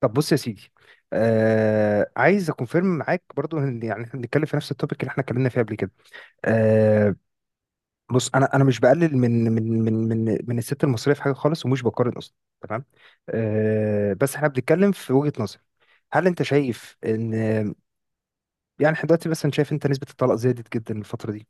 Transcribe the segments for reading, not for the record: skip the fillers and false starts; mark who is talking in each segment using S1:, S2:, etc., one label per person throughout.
S1: طب بص يا سيدي، عايز اكونفيرم معاك برضو ان يعني احنا بنتكلم في نفس التوبيك اللي احنا اتكلمنا فيه قبل كده. آه بص انا مش بقلل من الست المصريه في حاجه خالص ومش بقارن اصلا. تمام. بس احنا بنتكلم في وجهه نظر. هل انت شايف ان يعني احنا دلوقتي مثلا، شايف انت نسبه الطلاق زادت جدا الفتره دي؟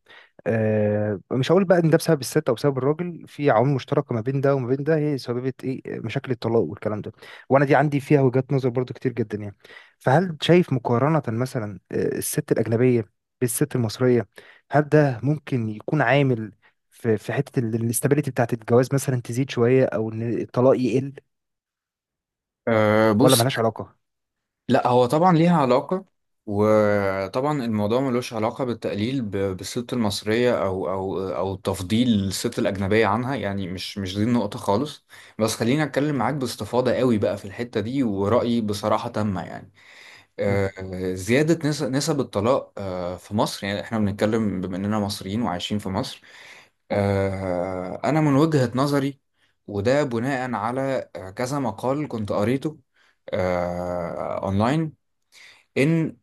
S1: مش هقول بقى ان ده بسبب الست او بسبب الراجل، في عوامل مشتركه ما بين ده وما بين ده هي سببت ايه، مشاكل الطلاق والكلام ده. وانا دي عندي فيها وجهات نظر برضو كتير جدا يعني. فهل شايف مقارنه مثلا الست الاجنبيه بالست المصريه، هل ده ممكن يكون عامل في حته الاستابيليتي بتاعت الجواز مثلا تزيد شويه او ان الطلاق يقل
S2: أه،
S1: ولا
S2: بص.
S1: ملهاش علاقه؟
S2: لا، هو طبعا ليها علاقة. وطبعا الموضوع ملوش علاقة بالتقليل بالست المصرية أو تفضيل الست الأجنبية عنها. يعني مش دي النقطة خالص. بس خليني أتكلم معاك باستفاضة قوي بقى في الحتة دي، ورأيي بصراحة تامة يعني.
S1: مم.
S2: زيادة نسب الطلاق في مصر، يعني إحنا بنتكلم بما إننا مصريين وعايشين في مصر. أنا من وجهة نظري، وده بناء على كذا مقال كنت قريته أونلاين، إن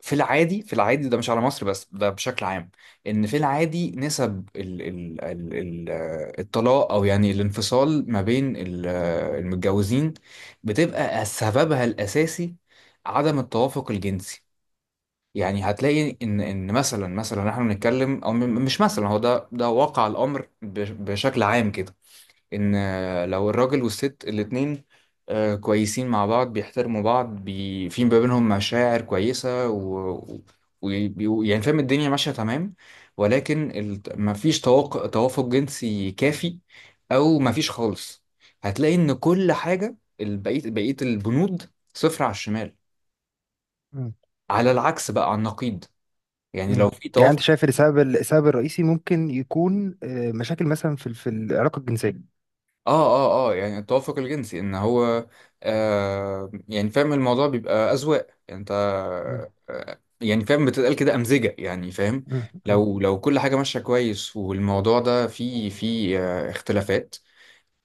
S2: في العادي ده مش على مصر بس، ده بشكل عام. إن في العادي نسب ال ال ال ال آه، الطلاق، أو يعني الانفصال ما بين المتجوزين، بتبقى سببها الأساسي عدم التوافق الجنسي. يعني هتلاقي ان مثلا احنا بنتكلم مش مثلا، هو ده واقع الامر بشكل عام كده. ان لو الراجل والست الاتنين كويسين مع بعض، بيحترموا بعض، في ما بينهم مشاعر كويسة، و يعني فاهم، الدنيا ماشية تمام. ولكن مفيش توافق جنسي كافي، او مفيش خالص. هتلاقي ان كل حاجة، بقية البنود، صفر على الشمال.
S1: مم.
S2: على العكس بقى، على النقيض، يعني لو
S1: مم.
S2: في
S1: يعني انت
S2: توافق.
S1: شايف السبب الرئيسي ممكن يكون مشاكل مثلا في في العلاقه الجنسيه؟
S2: اه يعني التوافق الجنسي ان هو، يعني فاهم، الموضوع بيبقى اذواق يعني، انت
S1: مم.
S2: يعني فاهم، بتتقال كده امزجه يعني، فاهم.
S1: مم. مم.
S2: لو كل حاجه ماشيه كويس، والموضوع ده فيه اختلافات،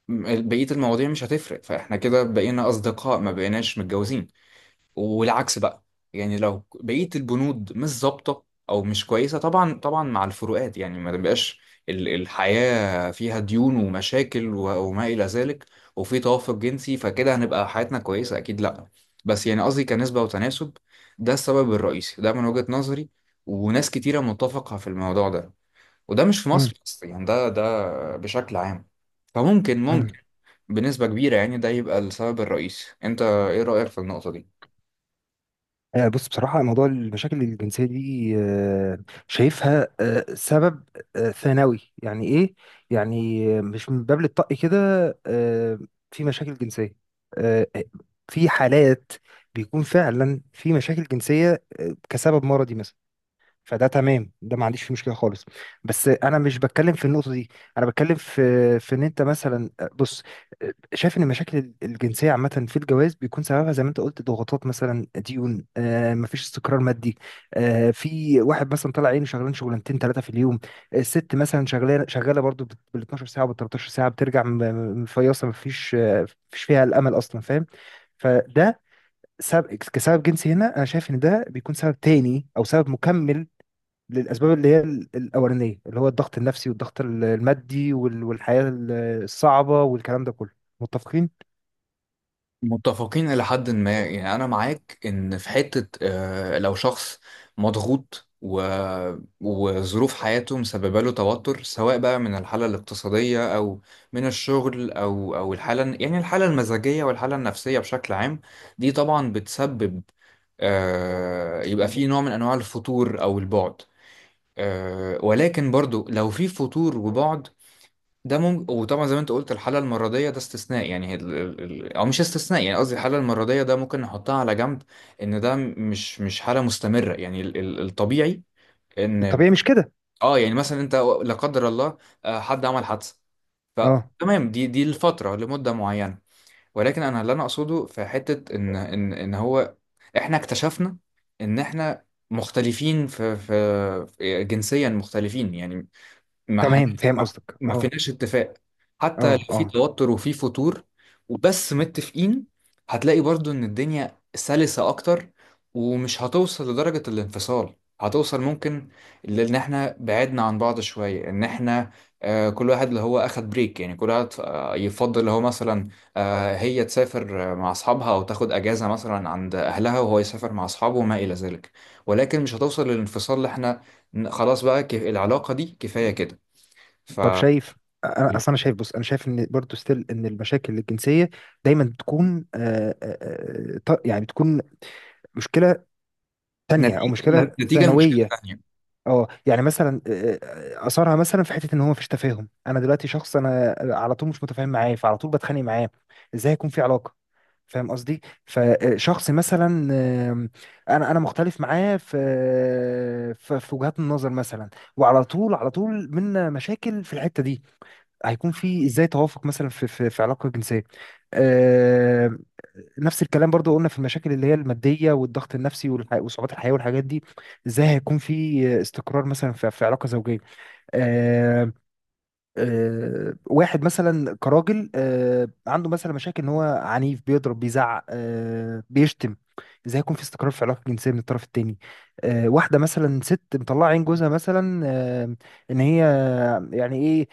S2: بقيه المواضيع مش هتفرق، فاحنا كده بقينا اصدقاء، ما بقيناش متجوزين. والعكس بقى، يعني لو بقية البنود مش ظابطة أو مش كويسة، طبعا طبعا مع الفروقات يعني، ما تبقاش الحياة فيها ديون ومشاكل وما إلى ذلك، وفي توافق جنسي، فكده هنبقى حياتنا كويسة أكيد؟ لأ. بس يعني قصدي كنسبة وتناسب، ده السبب الرئيسي، ده من وجهة نظري، وناس كتيرة متفقة في الموضوع ده، وده مش في
S1: مم.
S2: مصر بس يعني، ده بشكل عام. فممكن
S1: مم.
S2: ممكن بنسبة كبيرة يعني، ده يبقى السبب الرئيسي. أنت إيه رأيك في النقطة دي؟
S1: بص بصراحة، موضوع المشاكل الجنسية دي، شايفها سبب ثانوي. يعني إيه؟ يعني مش من باب الطق كده. آه، في مشاكل جنسية، آه، في حالات بيكون فعلا في مشاكل جنسية كسبب مرضي مثلا. فده تمام، ده ما عنديش فيه مشكله خالص. بس انا مش بتكلم في النقطه دي. انا بتكلم في ان انت مثلا، بص، شايف ان المشاكل الجنسيه عامه في الجواز بيكون سببها زي ما انت قلت، ضغوطات، مثلا ديون، مفيش استقرار مادي. في واحد مثلا طالع عينه شغلان شغلانتين ثلاثه في اليوم، الست مثلا شغاله شغاله برضو بال 12 ساعه وبال 13 ساعه، بترجع مفيصه، مفيش فيها الامل اصلا، فاهم؟ فده سبب، كسبب جنسي هنا، انا شايف ان ده بيكون سبب تاني او سبب مكمل للأسباب اللي هي الأولانية، اللي هو الضغط النفسي والضغط المادي والحياة الصعبة والكلام ده كله. متفقين؟
S2: متفقين إلى حد ما. يعني أنا معاك إن في حتة، لو شخص مضغوط وظروف حياته مسببة له توتر، سواء بقى من الحالة الاقتصادية، أو من الشغل، أو الحالة، يعني الحالة المزاجية والحالة النفسية بشكل عام، دي طبعا بتسبب يبقى في نوع من أنواع الفتور أو البعد. ولكن برضو لو في فتور وبعد، ده ممكن. وطبعا زي ما انت قلت، الحالة المرضية ده استثناء، يعني هي او مش استثناء، يعني قصدي، الحالة المرضية ده ممكن نحطها على جنب، ان ده مش حالة مستمرة. يعني الطبيعي ان،
S1: الطبيعي مش كده.
S2: اه يعني مثلا انت، لا قدر الله، حد عمل حادثة،
S1: اه.
S2: فتمام، دي الفترة لمدة معينة. ولكن انا اللي انا اقصده في حتة، ان ان هو، احنا اكتشفنا ان احنا مختلفين جنسيا مختلفين يعني، ما حن...
S1: تمام، فاهم
S2: ما
S1: قصدك.
S2: ما
S1: اه.
S2: فيناش اتفاق. حتى لو
S1: اه.
S2: في
S1: اه.
S2: توتر وفي فتور وبس متفقين، هتلاقي برضو ان الدنيا سلسة اكتر، ومش هتوصل لدرجة الانفصال. هتوصل ممكن ان احنا بعدنا عن بعض شوية، ان احنا كل واحد اللي هو اخد بريك، يعني كل واحد يفضل اللي هو مثلا، هي تسافر مع اصحابها، او تاخد اجازة مثلا عند اهلها، وهو يسافر مع اصحابه وما الى ذلك. ولكن مش هتوصل للانفصال، اللي احنا خلاص بقى العلاقة دي كفاية كده. ف
S1: طب شايف، انا اصل انا شايف، بص، انا شايف ان برضو ستيل ان المشاكل الجنسيه دايما بتكون، يعني بتكون مشكله تانية او
S2: نتيجة
S1: مشكله
S2: نتيجة المشكلة
S1: ثانويه.
S2: تانية،
S1: اه، يعني مثلا اثرها مثلا في حته ان هو مفيش تفاهم. انا دلوقتي شخص انا على طول مش متفاهم معاه فعلى طول بتخانق معاه، ازاي هيكون في علاقه؟ فاهم قصدي؟ فشخص مثلا، آم، انا مختلف معاه في وجهات النظر مثلا، وعلى طول على طول من مشاكل في الحته دي، هيكون في ازاي توافق مثلا في علاقه جنسيه؟ آم، نفس الكلام برضو قلنا في المشاكل اللي هي الماديه والضغط النفسي وصعوبات الحياه والحاجات دي. ازاي هيكون في استقرار مثلا في علاقه زوجيه؟ واحد مثلا كراجل، عنده مثلا مشاكل ان هو عنيف، بيضرب، بيزعق، بيشتم، ازاي يكون في استقرار في العلاقه الجنسيه من الطرف التاني؟ واحده مثلا ست مطلعه عين جوزها مثلا، ان هي يعني ايه،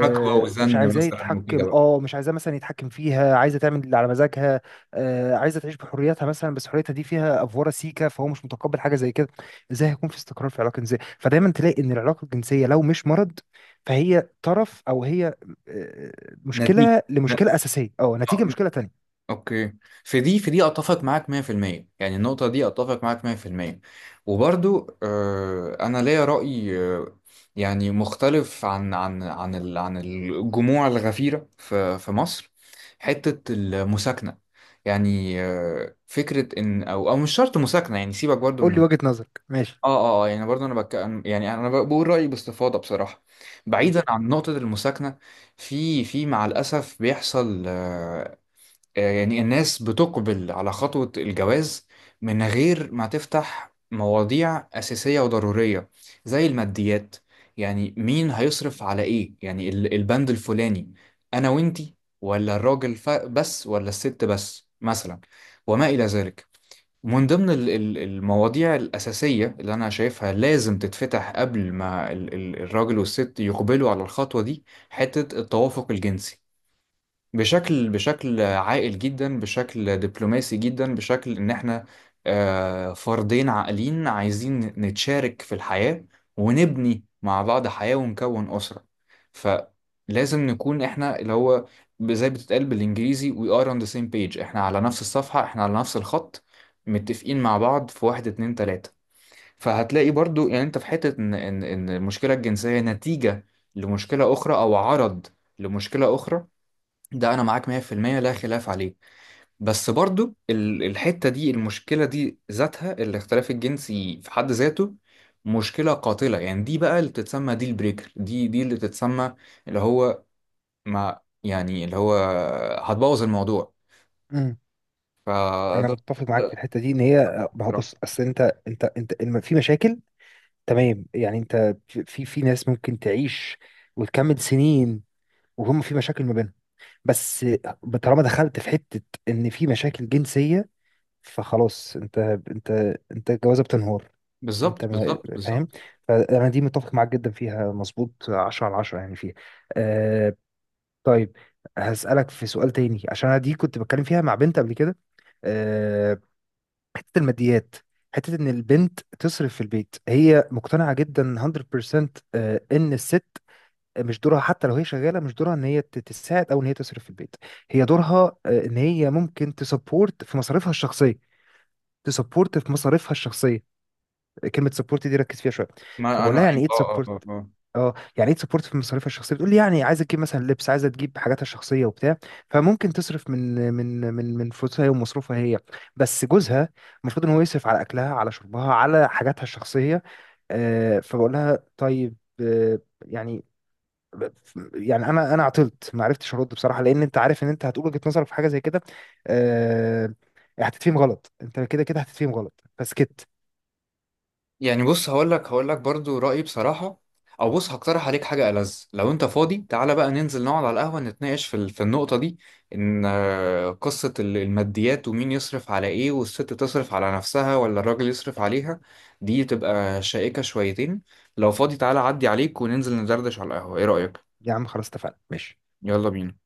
S2: حكوى
S1: مش
S2: وزن
S1: عايزاه
S2: مثلا، وكده
S1: يتحكم،
S2: بقى،
S1: مش عايزاه مثلا يتحكم فيها، عايزه تعمل اللي على مزاجها، عايزه تعيش بحريتها مثلا، بس حريتها دي فيها افوره سيكه فهو مش متقبل حاجه زي كده، ازاي هيكون في استقرار في العلاقه الجنسيه؟ فدايما تلاقي ان العلاقه الجنسيه لو مش مرض فهي طرف او هي آه،
S2: نتيجة.
S1: مشكله
S2: ن-
S1: لمشكله اساسيه، نتيجه
S2: آه،
S1: مشكله تانية.
S2: اوكي. في دي اتفق معاك 100%، يعني النقطة دي اتفق معاك 100%. وبرضو انا ليا رأي، يعني مختلف عن الجموع الغفيرة في مصر، حتة المساكنة. يعني فكرة إن، أو أو مش شرط مساكنة، يعني سيبك برضو
S1: قول لي
S2: من،
S1: وجهه نظرك، ماشي،
S2: يعني برضه انا يعني انا بقول رايي باستفاضه بصراحه،
S1: قول.
S2: بعيدا عن نقطه المساكنه. في مع الاسف بيحصل، يعني الناس بتقبل على خطوه الجواز من غير ما تفتح مواضيع اساسيه وضروريه زي الماديات، يعني مين هيصرف على ايه، يعني البند الفلاني، انا وانتي، ولا الراجل بس، ولا الست بس مثلا، وما الى ذلك. ومن ضمن المواضيع الأساسية اللي أنا شايفها لازم تتفتح قبل ما الراجل والست يقبلوا على الخطوة دي، حتة التوافق الجنسي، بشكل عاقل جدا، بشكل دبلوماسي جدا، بشكل ان احنا فردين عاقلين عايزين نتشارك في الحياة، ونبني مع بعض حياة، ونكون أسرة. فلازم نكون احنا، اللي هو زي بتتقال بالانجليزي, we are on the same page، احنا على نفس الصفحة، احنا على نفس الخط، متفقين مع بعض في واحد اتنين تلاتة. فهتلاقي برضو يعني انت في حتة، ان ان إن المشكلة الجنسية نتيجة لمشكلة أخرى، أو عرض لمشكلة أخرى. ده انا معاك 100%، لا خلاف عليه. بس برضو الحتة دي، المشكلة دي ذاتها، الاختلاف الجنسي في حد ذاته مشكلة قاتلة. يعني دي بقى اللي بتتسمى ديل بريكر، دي اللي بتتسمى، اللي هو، ما يعني اللي هو، هتبوظ الموضوع.
S1: امم انا
S2: فده،
S1: متفق معاك في
S2: ده-
S1: الحته دي ان هي، ما هو بص، اصل انت، انت في مشاكل، تمام؟ يعني انت، في ناس ممكن تعيش وتكمل سنين وهم في مشاكل ما بينهم، بس طالما دخلت في حته ان في مشاكل جنسيه فخلاص انت، انت انت الجوازه بتنهار، انت
S2: بالظبط بالظبط
S1: فاهم؟
S2: بالظبط.
S1: فانا دي متفق معاك جدا فيها، مظبوط، 10 على 10 يعني فيها. آه طيب، هسألك في سؤال تاني عشان انا دي كنت بتكلم فيها مع بنت قبل كده. آه حتة الماديات، حتة ان البنت تصرف في البيت. هي مقتنعة جدا 100%، ان الست مش دورها حتى لو هي شغالة، مش دورها ان هي تساعد او ان هي تصرف في البيت. هي دورها، ان هي ممكن تسبورت في مصاريفها الشخصية. تسبورت في مصاريفها الشخصية، كلمة سبورت دي ركز فيها شوية.
S2: ما
S1: فبقول لها
S2: انا
S1: يعني
S2: ايوه،
S1: ايه
S2: آه، آه،
S1: تسبورت،
S2: آه. آه.
S1: اه يعني ايه تسبورت في مصاريفها الشخصيه، بتقول لي يعني عايزه تجيب مثلا لبس، عايزه تجيب حاجاتها الشخصيه وبتاع، فممكن تصرف من فلوسها هي ومصروفها هي، بس جوزها المفروض ان هو يصرف على اكلها، على شربها، على حاجاتها الشخصيه. فبقول لها طيب، يعني، يعني انا عطلت ما عرفتش ارد بصراحه لان انت عارف ان انت هتقول وجهه نظرك في حاجه زي كده آه هتتفهم غلط. انت كده كده هتتفهم غلط فسكت.
S2: يعني بص، هقول لك برضو رأيي بصراحة. او بص، هقترح عليك حاجة ألذ، لو انت فاضي تعالى بقى ننزل نقعد على القهوة، نتناقش في النقطة دي، ان قصة الماديات، ومين يصرف على ايه، والست تصرف على نفسها ولا الراجل يصرف عليها. دي تبقى شائكة شويتين. لو فاضي تعالى عدي عليك وننزل ندردش على القهوة، ايه رأيك؟
S1: يا عم خلاص اتفقنا، ماشي.
S2: يلا بينا.